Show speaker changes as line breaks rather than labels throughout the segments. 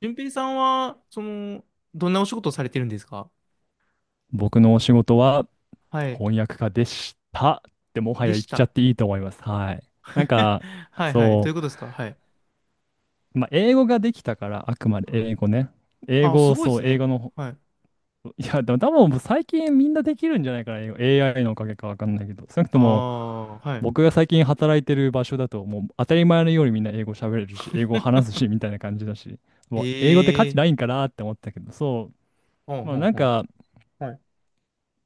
順平さんは、どんなお仕事をされてるんですか？
僕のお仕事は
はい。
翻訳家でしたってもは
で
や言っ
し
ちゃっ
た。
ていいと思います。はい。なんか、
はいはい。どうい
そ
うことですか？はい。
英語ができたから、あくまで英語ね。英
あ、す
語、
ごいで
そ
す
う、英
ね。
語の、
はい。
いや、でも多分最近みんなできるんじゃないかな、英語 AI のおかげかわかんないけど、少なく
あ
とも
あ、はい。
僕が最近働いてる場所だと、もう当たり前のようにみんな英語喋れるし、英語話すし、みたいな感じだし、もう英語って価値
ええ、
ないんかなって思ったけど、
ほん
う、まあ
ほん
なん
ほん。
か、
はい。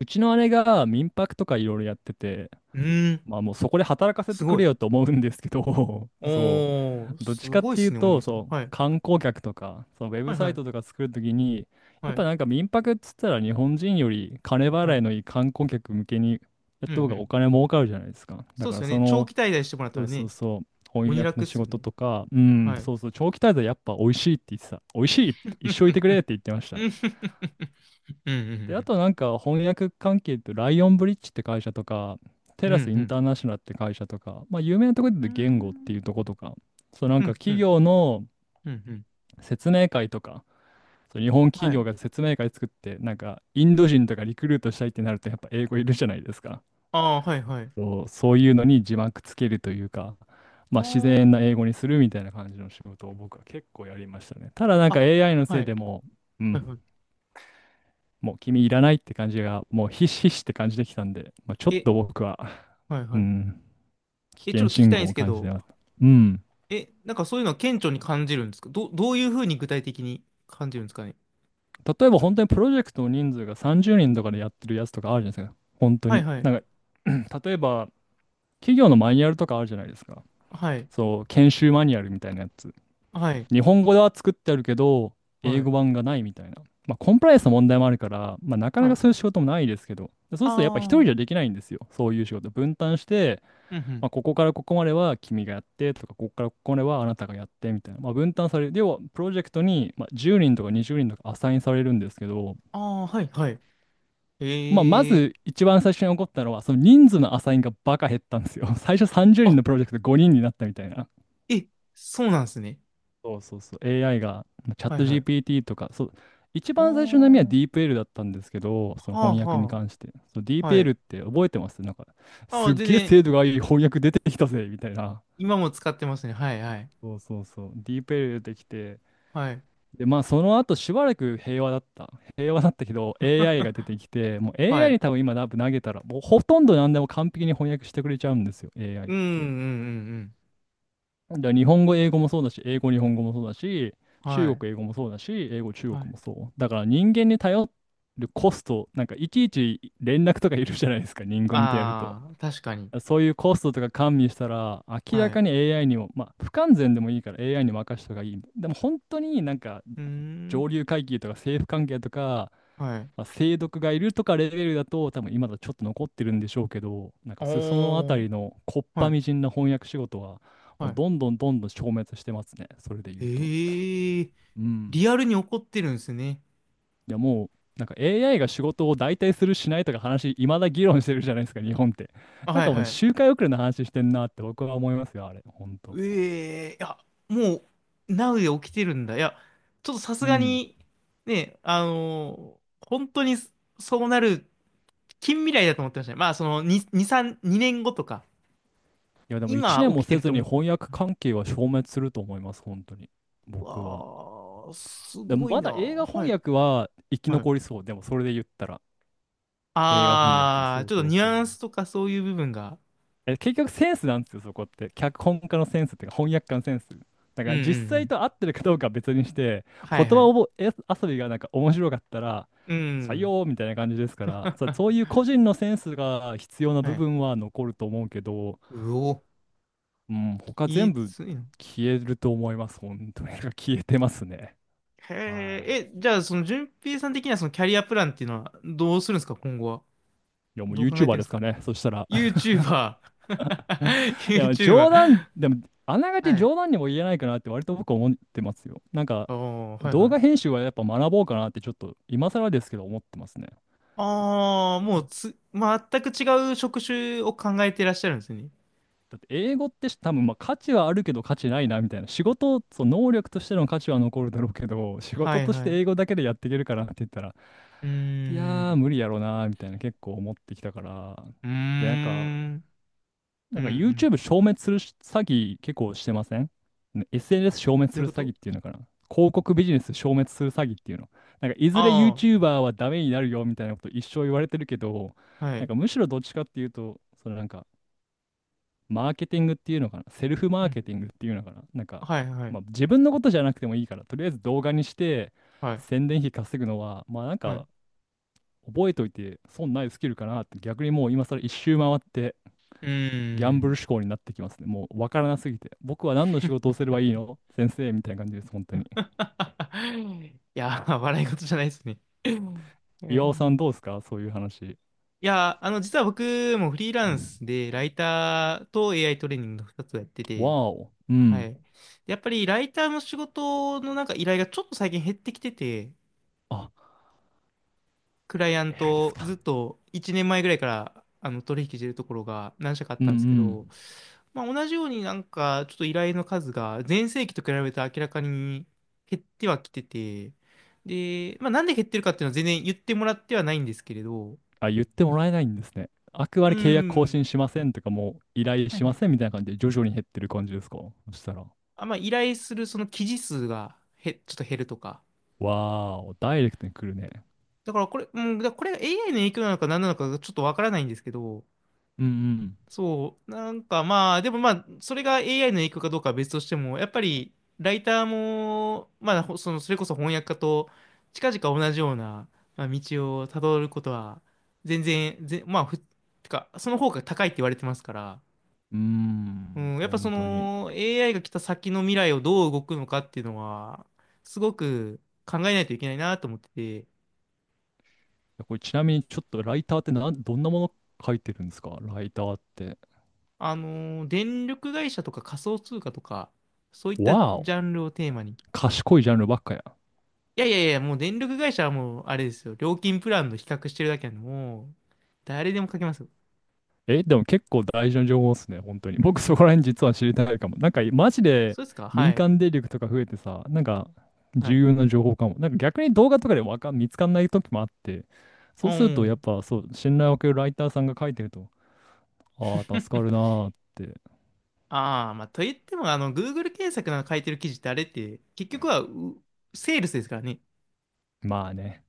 うちの姉が民泊とかいろいろやってて、
うん、
まあもうそこで働かせ
す
てく
ごい。
れよと思うんですけど、
おー、
どっ
す
ちかっ
ごいっ
てい
す
う
ね、お
と、
姉さん。はい。
観光客とか、そのウェ
は
ブ
い
サ
は
イトと
い。
か作るときに、や
は
っぱ
い。
なんか民泊っつったら日本人より金
は
払い
い。
のいい観光客向けにや
う
っ
んう
た方がお
ん。
金儲かるじゃないですか。だ
そうで
か
す
ら
よ
そ
ね。長
の、
期滞在してもらった
そう
ら
そう
ね、
そう、翻
鬼
訳
楽
の
っ
仕
すよ
事
ね。
とか、
はい。
長期滞在やっぱ美味しいって言ってた。美味しいって、一生い てく
ん、
れって言ってました。
うんう
で、あ
ん
となんか翻訳関係ってライオンブリッジって会社とか、テ
うん。う
ラスイン
ん
ターナショナルって会社とか、まあ有名なところで
うん
言
う
う
ん。うん
と
う
言語っていうと
ん。
ことか、そうなん
う
か
んう
企
ん
業の
うんうん。
説明会とか、そう日本企
は
業
い。
が説明会作って、なんかインド人とかリクルートしたいってなるとやっぱ英語いるじゃないですか。
ああ、はいはい。
そういうのに字幕つけるというか、
あ
まあ自然な英語に
あ。
するみたいな感じの仕事を僕は結構やりましたね。ただなんか
あ、
AI のせ
は
い
い。
でう、う
はい
ん
は
もう君いらないって感じが、もうひしひしって感じできたんで、ちょ
い。
っ
え、
と僕は、
はい
う
はい。
ん、危
え、ちょ
険
っと聞き
信
たいんで
号
す
を
け
感じて
ど、
ます。うん。
え、なんかそういうのは顕著に感じるんですか？どういうふうに具体的に感じるんですかね？
例えば本当にプロジェクトの人数が30人とかでやってるやつとかあるじゃないですか。本当
はい
に。
はい。
例えば、企業のマニュアルとかあるじゃないですか。
はい。
そう、研修マニュアルみたいなやつ。
はい。
日本語では作ってあるけど、英
は
語
い。
版がないみたいな。まあ、コンプライアンスの問題もあるから、まあ、なかな
は
か
い。
そういう仕事もないですけど、そ
あ
うするとやっぱ一人
あ。
じゃできないんですよ。そういう仕事。分担して、
うんう
ま
ん。
あ、ここからここまでは君がやってとか、ここからここまではあなたがやってみたいな、まあ、分担される。要は、プロジェクトに、まあ、10人とか20人とかアサインされるんですけど、
ああ、はいはい。
まあ、ま
ええ、
ず一番最初に起こったのは、その人数のアサインがバカ減ったんですよ。最初30人
あ、
のプロジェクト5人になったみたいな。
え、そうなんですね。
そうそうそう。AI が、チャッ
はい
ト
はい。あ
GPT とか、そう、一番最初の波は
あ。
DeepL だったんですけど、その
はあ
翻訳に
は
関して。そう、
あ。はい。
DeepL って覚えてますなんか、
あ
す
あ、
っ
全
げえ
然、
精度がいい翻訳出てきたぜみたいな。
今も使ってますね。はいはい。
そうそうそう。DeepL 出てきて、
はい。
で、まあ、その後しばらく平和だった。平和だったけど、AI が出てきて、もう
は
AI
い。
に多分今投げたら、もうほとんど何でも完璧に翻訳してくれちゃうんですよ、AI っ
うんうんうんう
て。
ん。
だから日本語、英語もそうだし、英語、日本語もそうだし、
は
中
い。
国、英語もそうだし、英語、中
は
国
い。
もそう。だから人間に頼るコスト、なんかいちいち連絡とかいるじゃないですか、人間ってやると。
ああ、確かに。
そういうコストとか加味したら、明
は
ら
い。
か
う
に AI にも、まあ、不完全でもいいから AI に任せた方がいい。でも本当になんか
ーん。
上流階級とか政府関係とか、
はい。
まあ、清毒がいるとかレベルだと多分今だとちょっと残ってるんでしょうけど、なんか裾野あた
おー。
りのこっ
は
ぱ
い。
みじんな翻訳仕事はも
は
う
い。
どんどんどんどん消滅してますねそれで言うと。
ええー。
うん。
リアルに起こってるんですね。
いやもうなんか AI が仕事を代替するしないとか話いまだ議論してるじゃないですか日本って。
あ、
なん
はい
かもう
はい。
周回遅れの話してんなって僕は思いますよあれ本当。
ええー。いや、もう、ナウで起きてるんだ。いや、ちょっとさす
う
が
ん。
に、ね、本当にそうなる近未来だと思ってましたね。まあ、その、2、2、3、2年後とか、
いやでも1
今
年も
起きて
せ
る
ず
と思
に
って。
翻訳関係は消滅すると思います本当に
う
僕は。
わー、す
でも
ごい
ま
な。
だ映画
は
翻
い。
訳は生き
はい。
残りそう。でもそれで言ったら。映画翻訳。
ああ、
そう
ちょっと
そう
ニュ
そう。
アンスとかそういう部分が。
え、結局センスなんですよ、そこって。脚本家のセンスっていうか、翻訳家のセンス。だ
う
か
ん
ら
うんう
実際
ん。
と合ってるかどうかは別にして、
は
言
いは
葉
い。
を覚え遊びがなんか面白かったら、
う
採
ん。
用みたいな感じですから、そういう個人のセンスが必要な
は
部
い。
分は残ると思うけど、
うお。
うん、他全
き
部
ついな。
消えると思います。本当に 消えてますね。は
へえ、
い。
え、じゃあその順平さん的にはそのキャリアプランっていうのはどうするんですか、今後は？
いや、もう
どう考えて
YouTuber
るんで
で
す
す
か？
かね。そしたら。
YouTuber。
いや、
YouTuber。
でも、あながち
はい。
冗談にも言えないかなって割と僕思ってますよ。
ああ、はいは
動画
い。
編集はやっぱ学ぼうかなってちょっと今更ですけど思ってますね。
ああ、もう全く違う職種を考えてらっしゃるんですね。
だって英語って多分まあ価値はあるけど価値ないなみたいな。仕事、その能力としての価値は残るだろうけど、仕
は
事
い
とし
は
て
い。
英語だけでやっていけるかなって言ったら、
うー
いやー
ん。
無理やろうなみたいな結構思ってきたから。
うー
で、なんか、
ん。う
な
んう
んか
ん。
YouTube 消滅する詐欺結構してませんね？ SNS 消滅
どう
す
いう
る
こ
詐
と？
欺っていうのかな、広告ビジネス消滅する詐欺っていうの。なんかいずれ
あ
YouTuber はダメになるよみたいなこと一生言われてるけど、
あ、は
なん
い。
かむしろどっちかっていうと、そのなんかマーケティングっていうのかな、セルフマ
う
ーケ
ん。
ティングっていうのかな、なんか、
はい、はい、
まあ、自分のことじゃなくてもいいから、とりあえず動画にして
はい、
宣伝費稼ぐのは、まあなん
はい。
か覚えといて損ないスキルかなって逆にもう今更一周回って
うー
ギャンブル
ん。
志向になってきますね。もう分からなすぎて。僕は何の仕事をすればいいの先生みたいな感じです、本当に。
いやー、笑い事じゃないですね。うん、え
岩尾さんどう
ー
ですかそういう話。
いやー、実は僕もフリーランスで、ライターと AI トレーニングの2つをやってて、
わお。う
は
ん。
い。で、やっぱりライターの仕事のなんか依頼がちょっと最近減ってきてて、
あ、
クライアン
AI です
ト、
か。
ずっと1年前ぐらいから取引してるところが何社かあっ
うん
た
う
んですけ
ん。
ど、まあ、同じようになんかちょっと依頼の数が前世紀と比べて明らかに減ってはきてて、で、まあ、なんで減ってるかっていうのは全然言ってもらってはないんですけれど、
あ、言ってもらえないんですね。あくま
う
で契約更
ん。
新しませんとか、もう依頼
はい
し
は
ま
い。
せんみたいな感じで徐々に減ってる感じですかそしたら。
あ、まあ、依頼するその記事数がちょっと減るとか。
わーお、ダイレクトに来るね。
だからこれ、うん、だからこれが AI の影響なのか何なのかちょっとわからないんですけど、
うん
そう、なんかまあ、でもまあ、それが AI の影響かどうかは別としても、やっぱりライターも、まあ、ほその、それこそ翻訳家と近々同じような、まあ、道をたどることは、全然、まあ、てか、その方が高いって言われてますから、
うん。う
う
ーん、
ん、やっぱそ
本当に。
の AI が来た先の未来をどう動くのかっていうのは、すごく考えないといけないなと思ってて、
これちなみにちょっとライターってどんなもの書いてるんですかライターって。
電力会社とか仮想通貨とか、そういっ
わ
たジ
ー
ャンルをテーマに、
賢いジャンルばっかやん。
いやいやいや、もう電力会社はもう、あれですよ。料金プランの比較してるだけなんで、もう、誰でも書けますよ。
え、でも結構大事な情報っすね、本当に。僕そこら辺実は知りたいかも。なんかマジで
そうですか？は
民
い。
間電力とか増えてさ、なんか
は
重
い。
要な情報かも。なんか逆に動画とかでわかん、見つかんない時もあって、そ
う
うするとやっ
ん。
ぱそう、信頼を受けるライターさんが書いてると、ああ、助かるなーって。
ああ、まあ、と言っても、Google 検索の書いてる記事ってあれって、結局は、セールスですからね。
まあね。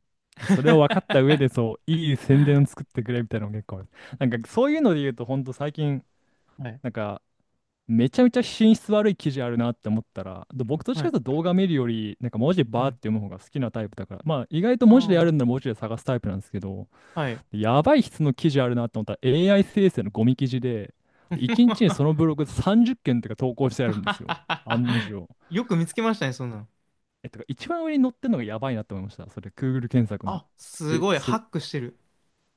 それを分かった上 でそう、いい宣伝を作ってくれみたいなのも結構ある。なんかそういうので言うと、ほんと最近、
はい。
なんかめちゃめちゃ品質悪い記事あるなって思ったら、で僕と
は
違う
い。
と動画見るより、なんか文字
う
バーって
ん。
読む方が好きなタイプだから、まあ意外と文字でや
あ
るんなら文字で探すタイプなんですけど、
あ、はい。
やばい質の記事あるなって思ったら AI 生成のゴミ記事で、で1日にちにそのブログ30件とか投稿してあるんですよ。案の 定。
よく見つけましたね、そんなの。
え、とか一番上に載ってるのがやばいなって思いました。それ、Google 検索の。
あ、す
え、
ごい、
そ
ハッ
れ
クしてる。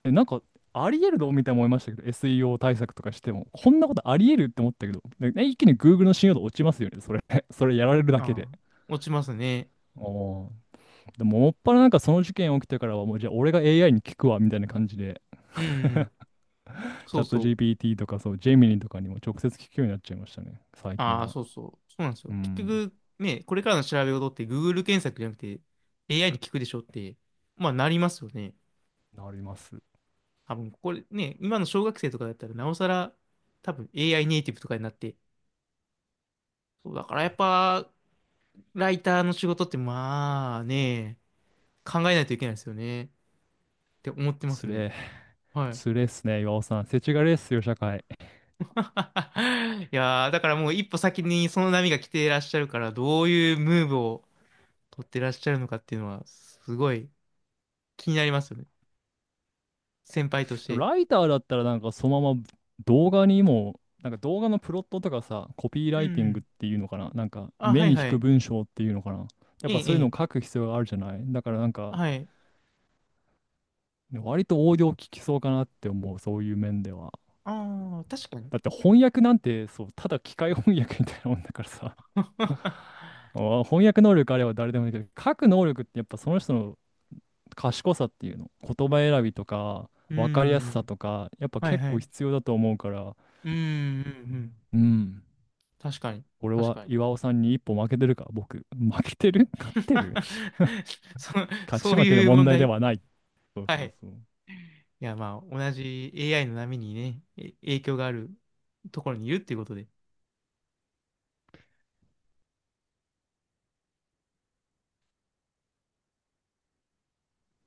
え、なんか、あり得るのみたいに思いましたけど、SEO 対策とかしても、こんなことあり得るって思ったけど、でね一気に Google の信用度落ちますよね、それ。それやられるだけ
あ
で。
あ、落ちますね。
おーでも、もっぱらなんかその事件起きてからは、もうじゃあ俺が AI に聞くわ、みたいな感じで、
うん、う ん。
チ
そ
ャ
う
ット
そう。
GPT とか、そう、ジェミニとかにも直接聞くようになっちゃいましたね、最
あ
近
あ、
は。
そうそう。そうなんです
う
よ。結
ん、
局、ね、これからの調べ事って Google 検索じゃなくて AI に聞くでしょって、まあなりますよね。
なります。
多分、これね、今の小学生とかだったらなおさら多分 AI ネイティブとかになって。そう、だからやっぱ、ライターの仕事ってまあね、考えないといけないですよね。って思ってま
つ
すね。
れえ、
はい。
つれえっすね、岩尾さん。世知辛いっすよ、社会。
いやー、だからもう一歩先にその波が来ていらっしゃるから、どういうムーブを取ってらっしゃるのかっていうのは、すごい気になりますよね。先輩とし
でも
て。
ライターだったらなんかそのまま動画にも、なんか動画のプロットとかさ、コピー
う
ライティングっ
ん。
ていうのかな、なんか
あ、は
目
い
に引
は
く
い。
文章っていうのかな。やっ
え
ぱ
え、
そういう
え
のを書
え。
く必要があるじゃない。だからなんか、
はい。
割と応用利きそうかなって思う、そういう面では。
ああ、確かに。
だって翻訳なんて、そう、ただ機械翻訳みたいなもんだからさ。あ翻訳能力あれば誰でもできる。書く能力ってやっぱその人の賢さっていうの。言葉選びとか、
う
分かりやすさ
ん。
とか、やっぱ
はい
結
は
構
い。
必要だと思うから、
うん、うん、うん。
うん。
確かに。
俺
確
は
かに。
岩尾さんに一歩負けてるか僕。負けてる勝ってる
そ、
勝
そ
ち
う
負けの
いう
問
問
題で
題？
はない。そう
は
そう
い。
そう。
いや、まあ、同じ AI の波にね、影響があるところにいるっていうことで。